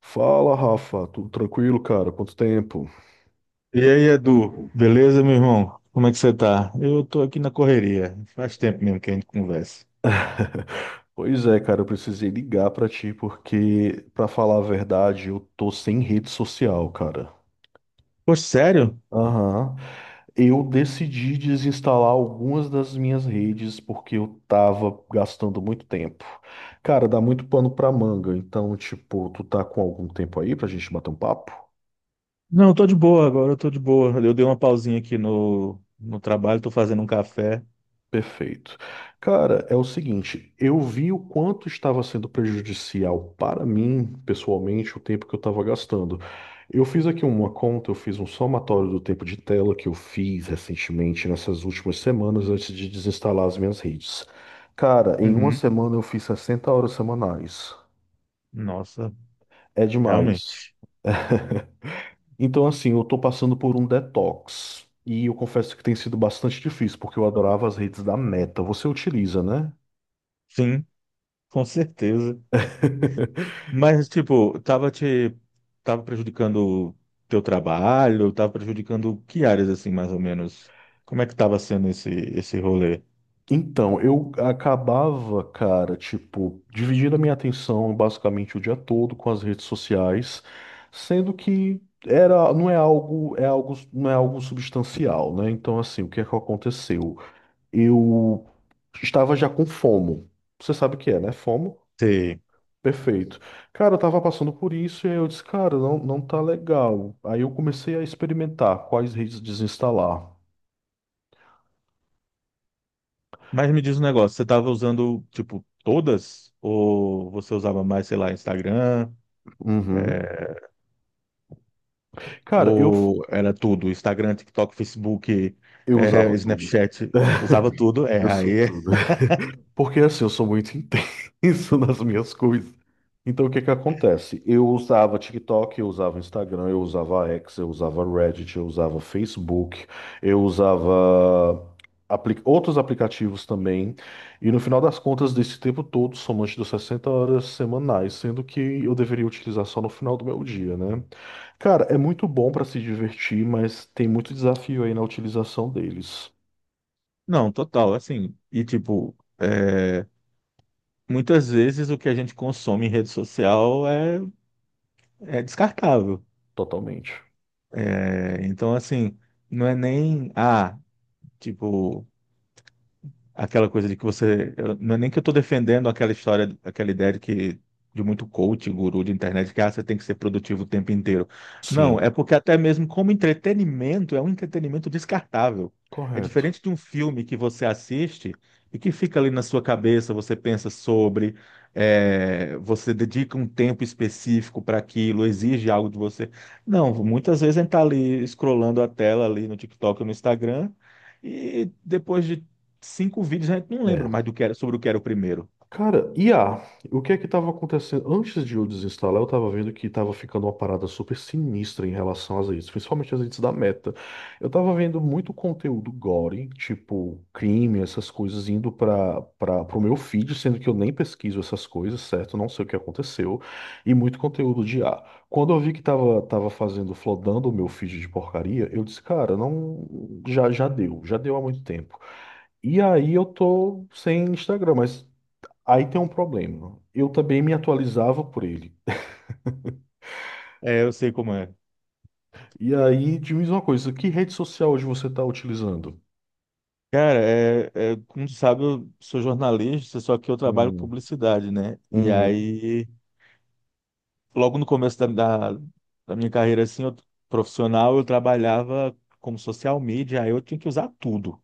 Fala, Rafa, tudo tranquilo, cara? Quanto tempo? E aí, Edu, beleza, meu irmão? Como é que você tá? Eu tô aqui na correria. Faz tempo mesmo que a gente conversa. Pois é, cara, eu precisei ligar pra ti porque, pra falar a verdade, eu tô sem rede social, cara. Poxa, sério? Aham. Eu decidi desinstalar algumas das minhas redes porque eu tava gastando muito tempo. Cara, dá muito pano pra manga, então, tipo, tu tá com algum tempo aí pra gente bater um papo? Não, eu tô de boa agora, eu tô de boa. Eu dei uma pausinha aqui no trabalho, tô fazendo um café. Perfeito. Cara, é o seguinte, eu vi o quanto estava sendo prejudicial para mim, pessoalmente, o tempo que eu estava gastando. Eu fiz aqui uma conta, eu fiz um somatório do tempo de tela que eu fiz recentemente, nessas últimas semanas, antes de desinstalar as minhas redes. Cara, em uma Uhum. semana eu fiz 60 horas semanais. Nossa, É demais. realmente. Então, assim, eu tô passando por um detox. E eu confesso que tem sido bastante difícil, porque eu adorava as redes da Meta. Você utiliza, né? Sim, com certeza. Mas, tipo, tava prejudicando teu trabalho, tava prejudicando que áreas, assim, mais ou menos? Como é que tava sendo esse rolê? Então, eu acabava, cara, tipo, dividindo a minha atenção basicamente o dia todo com as redes sociais, sendo que era, não é algo, é algo, não é algo substancial, né? Então, assim, o que é que aconteceu? Eu estava já com FOMO. Você sabe o que é, né? FOMO? Sim. Perfeito. Cara, eu tava passando por isso e aí eu disse, cara, não, não tá legal. Aí eu comecei a experimentar quais redes desinstalar. Mas me diz um negócio, você estava usando, tipo, todas? Ou você usava mais, sei lá, Instagram? Uhum. É, Cara, eu, ou era tudo? Instagram, TikTok, Facebook, eu é, usava tudo. Snapchat, usava tudo? Eu sou tudo. Porque assim, eu sou muito intenso nas minhas coisas. Então, o que que acontece? Eu usava TikTok, eu usava Instagram, eu usava X, eu usava Reddit, eu usava Facebook, eu usava outros aplicativos também. E no final das contas, desse tempo todo, somante das 60 horas semanais, sendo que eu deveria utilizar só no final do meu dia, né? Cara, é muito bom para se divertir, mas tem muito desafio aí na utilização deles. Não, total, assim, e tipo, é, muitas vezes o que a gente consome em rede social é descartável. Totalmente. É, então, assim, não é nem, ah, tipo... aquela coisa de que você. Eu- não é nem que eu estou defendendo aquela história, aquela ideia de que. De muito coach, guru de internet, que ah, você tem que ser produtivo o tempo inteiro. Não, Sim. é porque até mesmo como entretenimento, é um entretenimento descartável. É Correto. diferente de um filme que você assiste e que fica ali na sua cabeça, você pensa sobre, é, você dedica um tempo específico para aquilo, exige algo de você. Não, muitas vezes a gente está ali scrollando a tela ali no TikTok ou no Instagram. E depois de cinco vídeos, a gente não lembra É. mais do que era, sobre o que era o primeiro. Cara, I a, o que é que estava acontecendo? Antes de eu desinstalar, eu estava vendo que estava ficando uma parada super sinistra em relação às redes, principalmente as redes da Meta. Eu estava vendo muito conteúdo gore, tipo crime, essas coisas, indo para o meu feed, sendo que eu nem pesquiso essas coisas, certo? Não sei o que aconteceu. E muito conteúdo de I a. Quando eu vi que estava tava tava fazendo, flodando o meu feed de porcaria, eu disse, cara, não, já, já deu há muito tempo. E aí eu tô sem Instagram, mas aí tem um problema. Eu também me atualizava por ele. É, eu sei como é. E aí, diz uma coisa, que rede social hoje você está utilizando? Cara, como tu sabe, eu sou jornalista, só que eu trabalho com Hum. publicidade, né? E Uhum. aí, logo no começo da, da minha carreira assim, profissional, eu trabalhava como social media, aí eu tinha que usar tudo,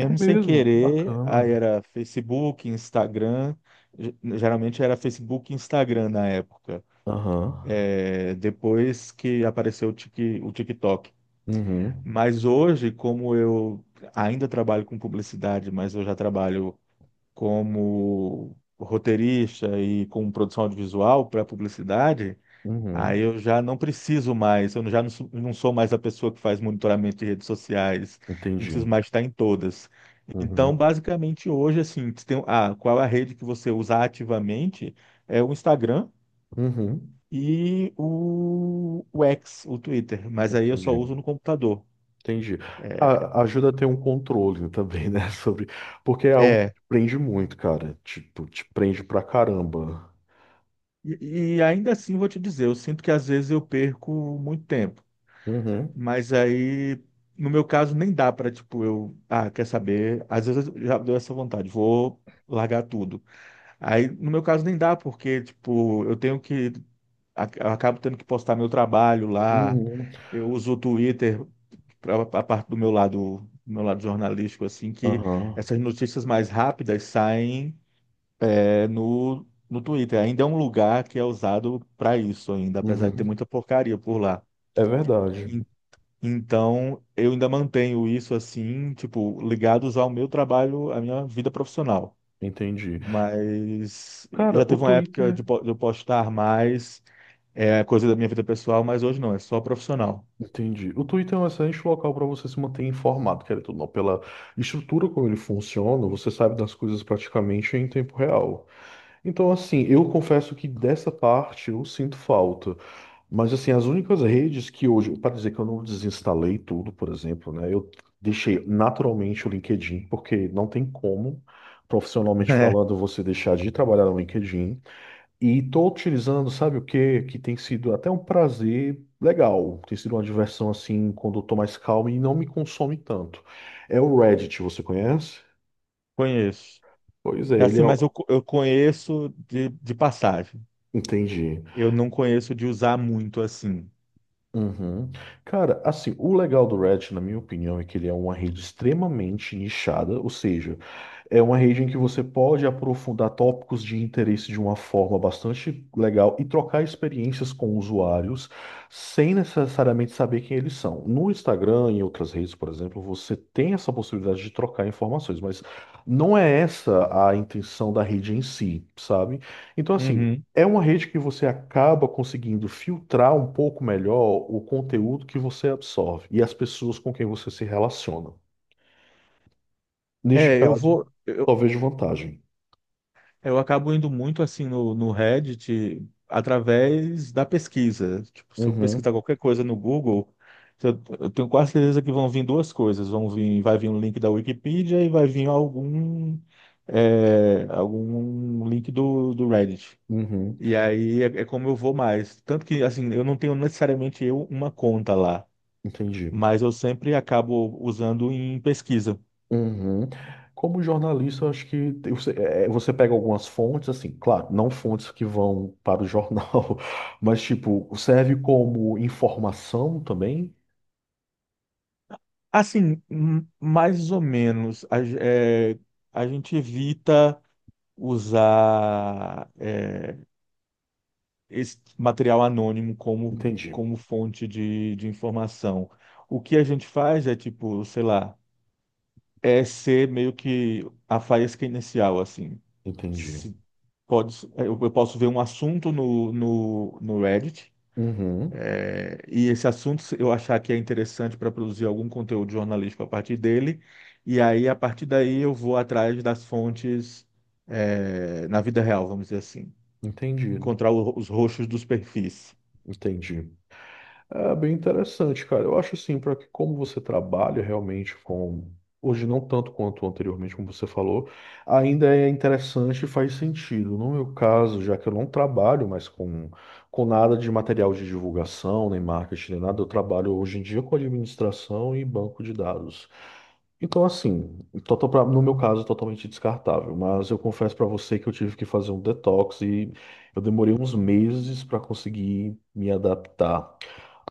É sem mesmo, que querer. bacana. Aí era Facebook, Instagram, geralmente era Facebook e Instagram na época. Aham. É, depois que apareceu o TikTok. Uhum. Mas hoje, como eu ainda trabalho com publicidade, mas eu já trabalho como roteirista e com produção audiovisual para publicidade, aí Uhum. eu já não preciso mais, eu já não sou, não sou mais a pessoa que faz monitoramento de redes sociais, não Entendi. preciso mais estar em todas. Então, Uhum. basicamente, hoje, assim, você tem, ah, qual é a rede que você usa ativamente? É o Instagram Uhum. e o X, o Twitter, mas aí eu só Entendi. uso no computador. Entendi. é A- ajuda a ter um controle também, né? Sobre. Porque é algo que é, te prende muito, cara. Tipo, te prende pra caramba. E ainda assim, vou te dizer, eu sinto que às vezes eu perco muito tempo. Uhum. Mas aí, no meu caso, nem dá para, tipo, eu, ah, quer saber? Às vezes eu já deu essa vontade, vou largar tudo. Aí, no meu caso, nem dá, porque, tipo, eu acabo tendo que postar meu trabalho lá. Uhum. Eu uso o Twitter para a parte do meu lado jornalístico, assim, que Aham. essas notícias mais rápidas saem é no Twitter. Ainda é um lugar que é usado para isso ainda, apesar de ter Uhum. muita porcaria por lá. É verdade, En- Então, eu ainda mantenho isso assim, tipo, ligados ao meu trabalho, à minha vida profissional. entendi. Mas já Cara, o teve uma época Twitter, de eu postar mais, é coisa da minha vida pessoal, mas hoje não, é só profissional. entendi. O Twitter é um excelente local para você se manter informado, querendo ou não, pela estrutura como ele funciona, você sabe das coisas praticamente em tempo real. Então, assim, eu confesso que dessa parte eu sinto falta. Mas, assim, as únicas redes que hoje, para dizer que eu não desinstalei tudo, por exemplo, né, eu deixei naturalmente o LinkedIn, porque não tem como, profissionalmente É, falando, você deixar de trabalhar no LinkedIn. E estou utilizando, sabe o que? Que tem sido até um prazer legal. Tem sido uma diversão assim, quando eu tô mais calmo e não me consome tanto. É o Reddit, você conhece? conheço. Pois é, É ele assim, é. Eu conheço de passagem. Entendi. Eu não conheço de usar muito assim. Uhum. Cara, assim, o legal do Reddit, na minha opinião, é que ele é uma rede extremamente nichada, ou seja, é uma rede em que você pode aprofundar tópicos de interesse de uma forma bastante legal e trocar experiências com usuários sem necessariamente saber quem eles são. No Instagram e em outras redes, por exemplo, você tem essa possibilidade de trocar informações, mas não é essa a intenção da rede em si, sabe? Então, assim. Uhum. É uma rede que você acaba conseguindo filtrar um pouco melhor o conteúdo que você absorve e as pessoas com quem você se relaciona. Neste É, eu caso, vou. só vejo vantagem. Eu acabo indo muito assim no Reddit através da pesquisa. Tipo, se eu Uhum. pesquisar qualquer coisa no Google, eu tenho quase certeza que vão vir duas coisas. Vai vir um link da Wikipedia e vai vir algum, é, algum link do Reddit. Uhum. E aí é como eu vou mais. Tanto que assim, eu não tenho necessariamente eu uma conta lá, Entendi. mas eu sempre acabo usando em pesquisa. Uhum. Como jornalista, eu acho que você, é, é, você pega algumas fontes, assim, claro, não fontes que vão para o jornal, mas tipo, serve como informação também? Assim, mais ou menos, a gente evita usar é, esse material anônimo como, Entendi. como fonte de informação. O que a gente faz é tipo, sei lá, é ser meio que a faísca inicial, assim. Entendi. Se pode, é, eu posso ver um assunto no Reddit, Uhum. é, e esse assunto se eu achar que é interessante para produzir algum conteúdo jornalístico a partir dele, e aí, a partir daí, eu vou atrás das fontes, é, na vida real, vamos dizer assim. Entendido. Encontrar os roxos dos perfis. Entendi. É bem interessante, cara. Eu acho assim, para que como você trabalha realmente com hoje não tanto quanto anteriormente, como você falou, ainda é interessante e faz sentido. No meu caso, já que eu não trabalho mais com nada de material de divulgação, nem marketing, nem nada, eu trabalho hoje em dia com administração e banco de dados. Então, assim, total no meu caso, totalmente descartável, mas eu confesso para você que eu tive que fazer um detox e eu demorei uns meses para conseguir me adaptar.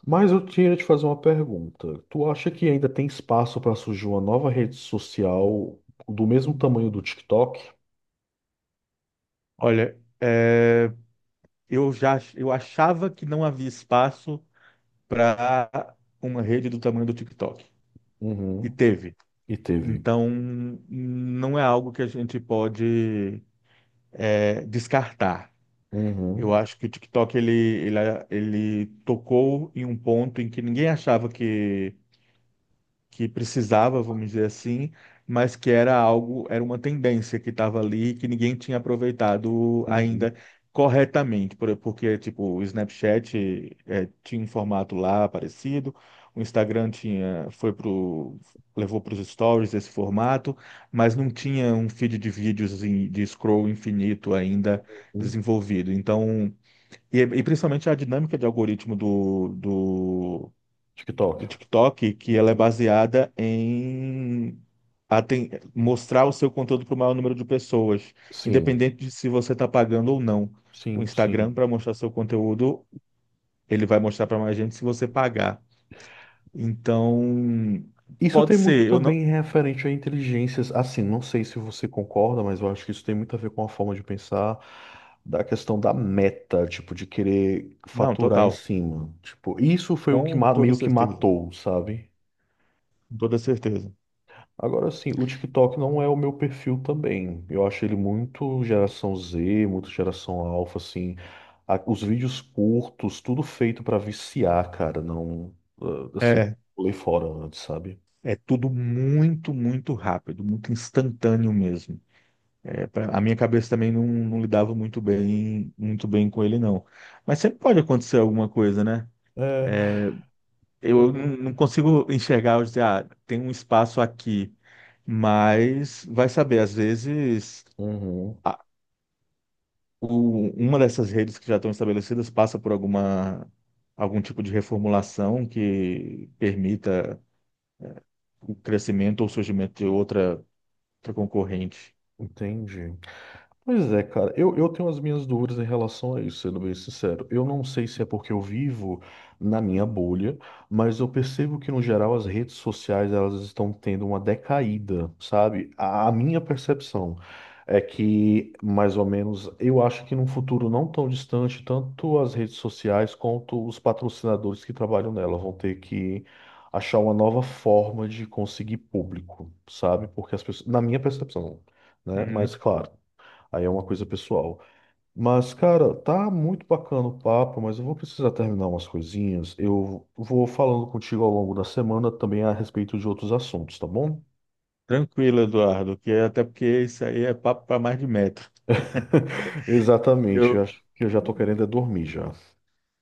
Mas eu tinha te fazer uma pergunta. Tu acha que ainda tem espaço para surgir uma nova rede social do mesmo tamanho do TikTok? Olha, é, eu achava que não havia espaço para uma rede do tamanho do TikTok. E Uhum. teve. E teve. Então, não é algo que a gente pode é, descartar. Uhum. Eu acho que o TikTok ele tocou em um ponto em que ninguém achava que precisava, vamos dizer assim, mas que era algo, era uma tendência que estava ali e que ninguém tinha aproveitado ainda Uhum. corretamente, porque tipo, o Snapchat eh, tinha um formato lá parecido, o Instagram tinha, foi pro levou para os stories esse formato, mas não tinha um feed de vídeos de scroll infinito ainda Uhum. desenvolvido. Então, e principalmente a dinâmica de algoritmo TikTok. do TikTok, que ela é Uhum. baseada em aten- mostrar o seu conteúdo para o maior número de pessoas, Sim, independente de se você está pagando ou não. O sim, Instagram, sim. para mostrar seu conteúdo, ele vai mostrar para mais gente se você pagar. Então, Isso pode tem muito ser, eu não. também referente a inteligências, assim, não sei se você concorda, mas eu acho que isso tem muito a ver com a forma de pensar da questão da meta, tipo, de querer Não, faturar em total. cima. Tipo, isso foi o que Com toda meio que certeza. matou, sabe? Com toda certeza. Agora sim, o TikTok não é o meu perfil também. Eu acho ele muito geração Z, muito geração alfa, assim. Os vídeos curtos, tudo feito pra viciar, cara. Não, ah, assim, eu É, pulei fora antes, sabe? é tudo muito, muito rápido, muito instantâneo mesmo. É, a minha cabeça também não, não lidava muito bem com ele, não. Mas sempre pode acontecer alguma coisa, né? É. É, eu não consigo enxergar, eu dizer, ah, tem um espaço aqui, mas vai saber, às vezes Uhum. a- uma dessas redes que já estão estabelecidas passa por alguma, algum tipo de reformulação que permita o crescimento ou surgimento de outra, outra concorrente. Entendi. Pois é, cara, eu tenho as minhas dúvidas em relação a isso, sendo bem sincero. Eu não sei se é porque eu vivo na minha bolha, mas eu percebo que, no geral, as redes sociais elas estão tendo uma decaída, sabe? A minha percepção é que, mais ou menos, eu acho que num futuro não tão distante, tanto as redes sociais quanto os patrocinadores que trabalham nela vão ter que achar uma nova forma de conseguir público, sabe? Porque as pessoas, na minha percepção, né? Mas Uhum. claro. Aí é uma coisa pessoal. Mas, cara, tá muito bacana o papo, mas eu vou precisar terminar umas coisinhas. Eu vou falando contigo ao longo da semana também a respeito de outros assuntos, tá bom? Tranquilo, Eduardo, até porque isso aí é papo para mais de metro. Exatamente. Eu Eu, acho que eu já tô querendo é dormir já.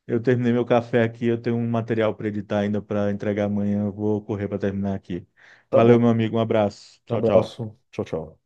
eu terminei meu café aqui, eu tenho um material para editar ainda para entregar amanhã. Eu vou correr para terminar aqui. Tá bom. Valeu, meu amigo. Um abraço. Tchau, tchau. Abraço. Tchau, tchau.